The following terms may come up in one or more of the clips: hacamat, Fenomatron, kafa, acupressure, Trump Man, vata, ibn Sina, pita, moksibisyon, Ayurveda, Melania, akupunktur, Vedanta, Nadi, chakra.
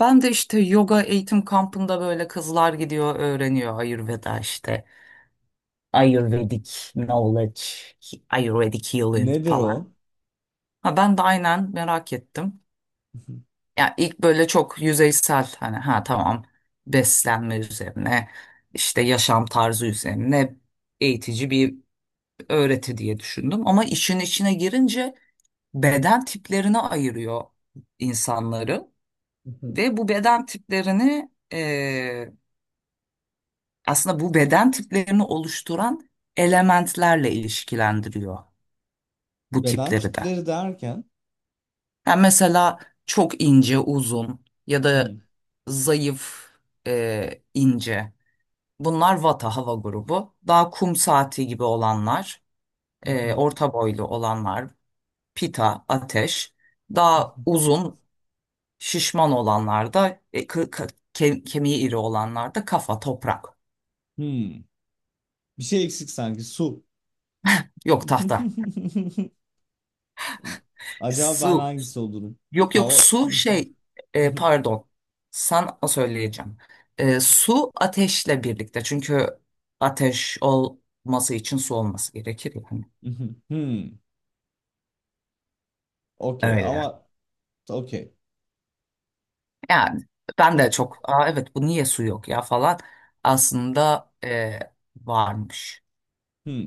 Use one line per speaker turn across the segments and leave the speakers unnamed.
Ben de işte yoga eğitim kampında böyle kızlar gidiyor öğreniyor Ayurveda işte. Ayurvedic knowledge, Ayurvedic healing
Nedir
falan.
o?
Ha, ben de aynen merak ettim. Ya ilk böyle çok yüzeysel, hani, ha, tamam, beslenme üzerine, işte yaşam tarzı üzerine eğitici bir öğreti diye düşündüm. Ama işin içine girince beden tiplerine ayırıyor insanları ve bu beden tiplerini, aslında bu beden tiplerini oluşturan elementlerle ilişkilendiriyor bu
Beden
tipleri de.
tipleri derken
Yani mesela çok ince, uzun ya da
hmm.
zayıf, ince. Bunlar vata, hava grubu. Daha kum saati gibi olanlar, orta boylu olanlar, pita, ateş. Daha uzun, şişman olanlar da, kemiği iri olanlar da kafa, toprak.
Hmm. Bir şey eksik sanki su.
Yok, tahta,
Acaba ben
su.
hangisi olurum?
Yok, yok,
Hava.
su, pardon, sana söyleyeceğim. Su ateşle birlikte, çünkü ateş olması için su olması gerekir yani.
hmm. Okey
Öyle.
ama okey.
Yani ben de çok, "Aa, evet, bu niye su yok ya" falan, aslında varmış.
Hmm.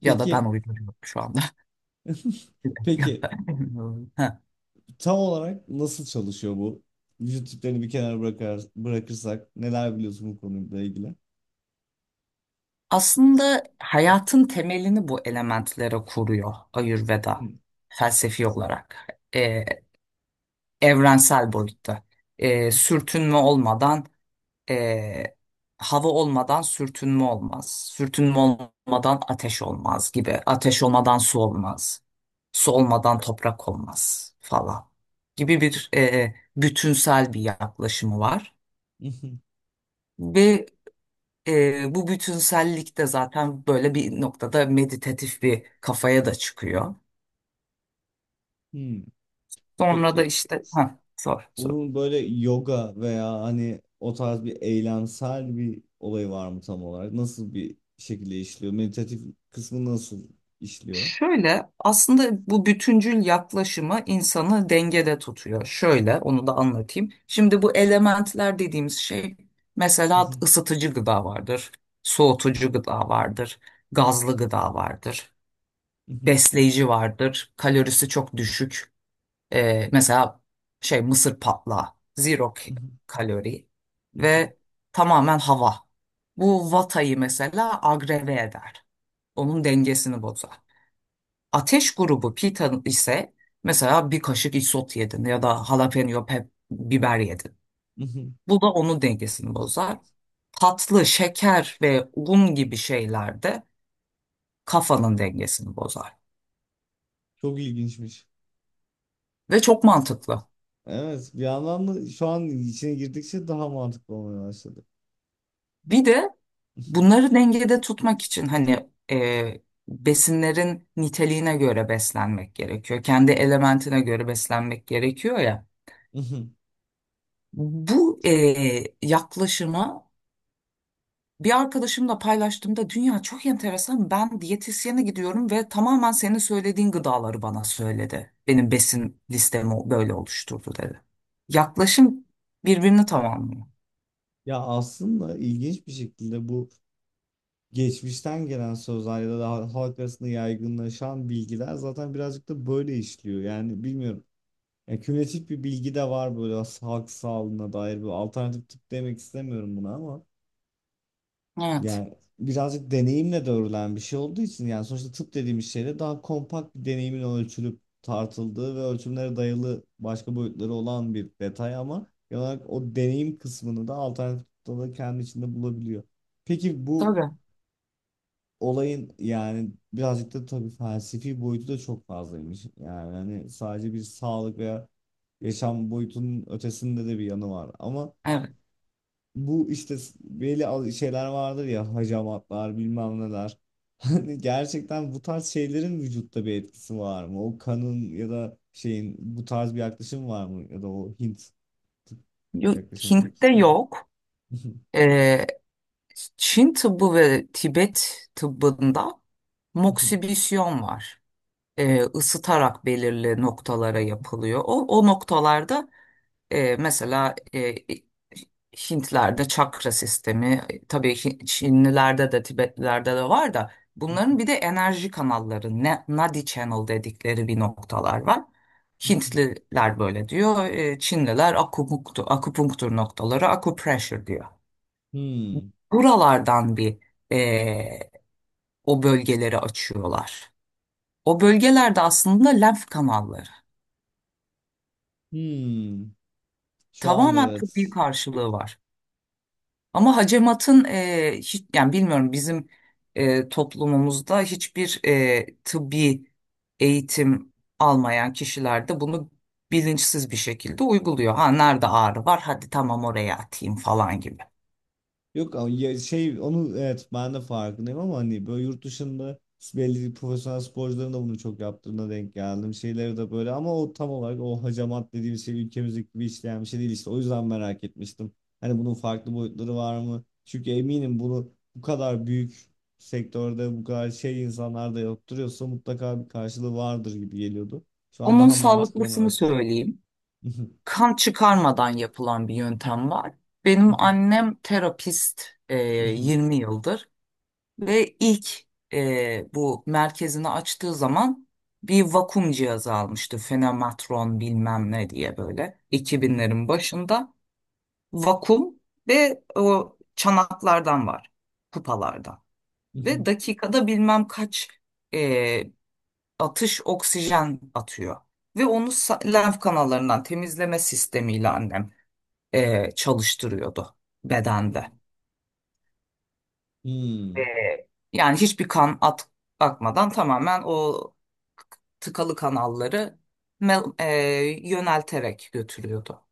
Ya da ben
Peki,
uyduruyorum şu anda.
peki
Heh.
tam olarak nasıl çalışıyor bu? Vücut tiplerini bir kenara bırakırsak neler biliyorsun bu konuyla ilgili?
Aslında hayatın temelini bu elementlere kuruyor Ayurveda,
Hmm.
felsefi olarak. E, Evrensel boyutta. Sürtünme olmadan, e, hava olmadan sürtünme olmaz. Sürtünme olmadan ateş olmaz gibi. Ateş olmadan su olmaz. Su olmadan toprak olmaz falan gibi, bütünsel bir yaklaşımı var. Ve bu bütünsellik de zaten böyle bir noktada meditatif bir kafaya da çıkıyor.
Hmm.
Sonra da
Peki,
işte, ha, sor, sor.
bunun böyle yoga veya hani o tarz bir eylemsel bir olayı var mı tam olarak? Nasıl bir şekilde işliyor? Meditatif kısmı nasıl işliyor?
Şöyle, aslında bu bütüncül yaklaşımı insanı dengede tutuyor. Şöyle onu da anlatayım. Şimdi bu elementler dediğimiz şey, mesela ısıtıcı gıda vardır, soğutucu gıda vardır, gazlı gıda vardır, besleyici vardır, kalorisi çok düşük. Mesela, mısır patlağı, zero kalori ve tamamen hava. Bu vatayı mesela agreve eder. Onun dengesini bozar. Ateş grubu pita ise, mesela bir kaşık isot yedin ya da jalapeno biber yedin. Bu da onun dengesini bozar. Tatlı, şeker ve un gibi şeyler de kafanın dengesini bozar.
Çok ilginçmiş.
Ve çok mantıklı.
Evet, bir yandan da şu an içine girdikçe daha mantıklı olmaya başladı.
Bir de bunları dengede tutmak için, hani, besinlerin niteliğine göre beslenmek gerekiyor. Kendi elementine göre beslenmek gerekiyor ya. Bu yaklaşıma, bir arkadaşımla paylaştığımda, "Dünya çok enteresan. Ben diyetisyene gidiyorum ve tamamen senin söylediğin gıdaları bana söyledi. Benim besin listemi böyle oluşturdu" dedi. Yaklaşım birbirini tamamlıyor.
Ya aslında ilginç bir şekilde bu geçmişten gelen sözler ya da halk arasında yaygınlaşan bilgiler zaten birazcık da böyle işliyor. Yani bilmiyorum. Ya kümülatif bir bilgi de var böyle halk sağlığına dair. Böyle alternatif tıp demek istemiyorum buna ama
Evet.
yani birazcık deneyimle de örülen bir şey olduğu için yani sonuçta tıp dediğimiz şeyde daha kompakt bir deneyimin ölçülüp tartıldığı ve ölçümlere dayalı başka boyutları olan bir detay ama genel olarak o deneyim kısmını da alternatif tıpta da kendi içinde bulabiliyor. Peki bu
Tabii.
olayın yani birazcık da tabii felsefi boyutu da çok fazlaymış. Yani hani sadece bir sağlık veya yaşam boyutunun ötesinde de bir yanı var. Ama
Evet.
bu işte belli şeyler vardır ya hacamatlar bilmem neler. Hani gerçekten bu tarz şeylerin vücutta bir etkisi var mı? O kanın ya da şeyin bu tarz bir yaklaşım var mı? Ya da o Hint tıp
Yo-
yaklaşımda.
Hint'te yok. Ee, Çin tıbbı ve Tibet tıbbında moksibisyon var. Isıtarak belirli noktalara yapılıyor. O noktalarda, mesela, Hintlerde çakra sistemi, tabii Çinlilerde de Tibetlilerde de var da, bunların bir de enerji kanalları, ne, Nadi Channel dedikleri bir noktalar var. Hintliler böyle diyor, Çinliler akupunktur noktaları, acupressure diyor.
Hmm.
Buralardan e, o bölgeleri açıyorlar. O bölgelerde aslında lenf kanalları.
Hmm. Şu anda
Tamamen tıbbi
evet.
karşılığı var. Ama hacamatın, hiç, yani, bilmiyorum, bizim toplumumuzda hiçbir tıbbi eğitim almayan kişiler de bunu bilinçsiz bir şekilde uyguluyor. Ha, nerede ağrı var? Hadi tamam, oraya atayım falan gibi.
Yok ama ya şey onu evet ben de farkındayım ama hani böyle yurt dışında belli bir profesyonel sporcuların da bunu çok yaptığına denk geldim. Şeyleri de böyle ama o tam olarak o hacamat dediğim şey ülkemizdeki gibi işleyen bir şey değil işte. O yüzden merak etmiştim. Hani bunun farklı boyutları var mı? Çünkü eminim bunu bu kadar büyük sektörde bu kadar şey insanlar da yaptırıyorsa mutlaka bir karşılığı vardır gibi geliyordu. Şu an
Onun
daha mantıklı olmaya
sağlıklısını
başladı.
söyleyeyim. Kan çıkarmadan yapılan bir yöntem var. Benim annem terapist, e, 20 yıldır, ve ilk bu merkezini açtığı zaman bir vakum cihazı almıştı. Fenomatron bilmem ne diye, böyle 2000'lerin başında. Vakum ve o çanaklardan var, kupalardan. Ve dakikada bilmem kaç e, atış oksijen atıyor. Ve onu lenf kanallarından temizleme sistemiyle annem çalıştırıyordu bedende. E,
Hmm,
Yani hiçbir kan akmadan, tamamen o tıkalı kanalları mel- e, yönelterek götürüyordu.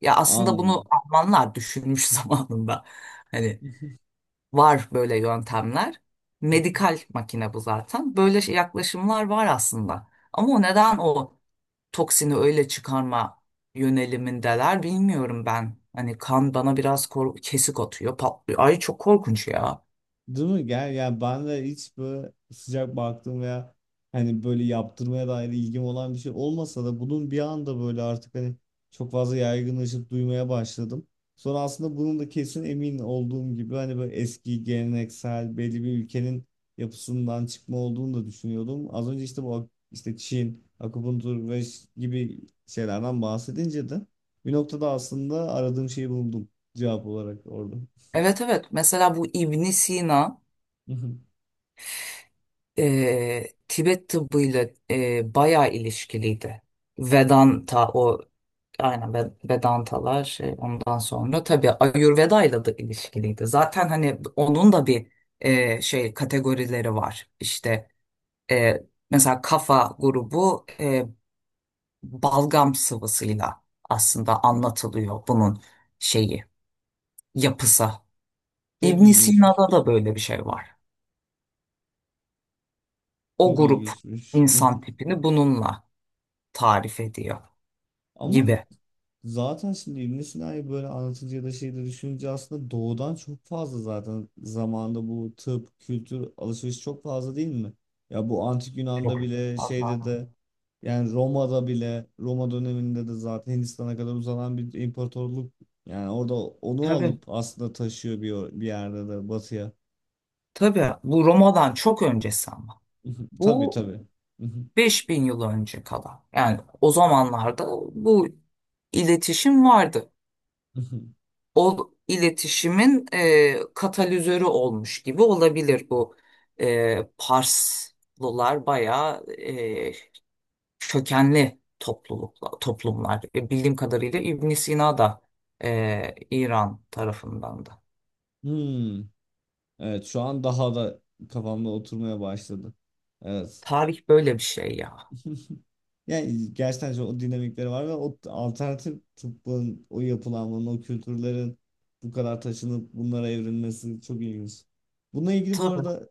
Ya aslında bunu
anladım.
Almanlar düşünmüş zamanında. Hani, var böyle yöntemler. Medikal makine bu zaten. Böyle yaklaşımlar var aslında. Ama o neden o toksini öyle çıkarma yönelimindeler, bilmiyorum ben. Hani kan bana biraz, kesik atıyor, patlıyor. Ay çok korkunç ya.
Değil mi? Gel ya ben de hiç böyle sıcak baktığım veya hani böyle yaptırmaya dair ilgim olan bir şey olmasa da bunun bir anda böyle artık hani çok fazla yaygınlaşıp duymaya başladım. Sonra aslında bunun da kesin emin olduğum gibi hani böyle eski geleneksel belli bir ülkenin yapısından çıkma olduğunu da düşünüyordum. Az önce işte bu işte Çin, akupunktur ve gibi şeylerden bahsedince de bir noktada aslında aradığım şeyi buldum cevap olarak orada.
Evet, evet. Mesela bu ibn Sina Tibet tıbbıyla bayağı ilişkiliydi. Vedanta, o, aynen, Vedantalar, ondan sonra, tabii Ayurveda ile de ilişkiliydi. Zaten hani onun da bir kategorileri var. İşte e, mesela kafa grubu balgam sıvısıyla aslında anlatılıyor bunun şeyi yapısı.
Çok
İbn
ilginçmiş.
Sina'da da böyle bir şey var. O
Çok
grup
ilginçmiş.
insan tipini bununla tarif ediyor
Ama
gibi.
zaten şimdi İbn Sina'yı böyle anlatınca ya da şeyde düşününce aslında doğudan çok fazla zaten zamanında bu tıp, kültür, alışveriş çok fazla değil mi? Ya bu antik
Çok
Yunan'da bile şeyde
fazla.
de yani Roma'da bile Roma döneminde de zaten Hindistan'a kadar uzanan bir imparatorluk yani orada onu
Tabii,
alıp aslında taşıyor bir yerde de batıya.
tabii, bu Roma'dan çok öncesi ama.
Tabii
Bu
tabii.
5.000 yıl önce kadar. Yani o zamanlarda bu iletişim vardı. O iletişimin katalizörü olmuş gibi olabilir bu. Parslılar bayağı kökenli toplumlar. Bildiğim kadarıyla ibn Sina da İran tarafından da.
Hmm. Evet şu an daha da kafamda oturmaya başladı. Evet.
Tarih böyle bir şey ya.
Yani gerçekten o dinamikleri var ve o alternatif tıbbın, o yapılanmanın, o kültürlerin bu kadar taşınıp bunlara evrilmesi çok ilginç. Bununla ilgili bu
Tabii.
arada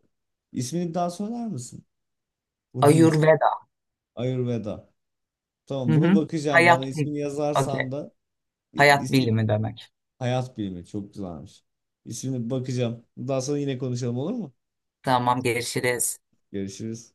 ismini bir daha söyler misin? Bu Hint,
Ayurveda.
Ayurveda. Tamam
Hı
bunu
hı.
bakacağım.
Hayat
Bana
bilimi.
ismini yazarsan da
Hayat
ismi
bilimi demek.
Hayat Bilimi çok güzelmiş. İsmini bakacağım. Daha sonra yine konuşalım olur mu?
Tamam, görüşürüz.
Görüşürüz.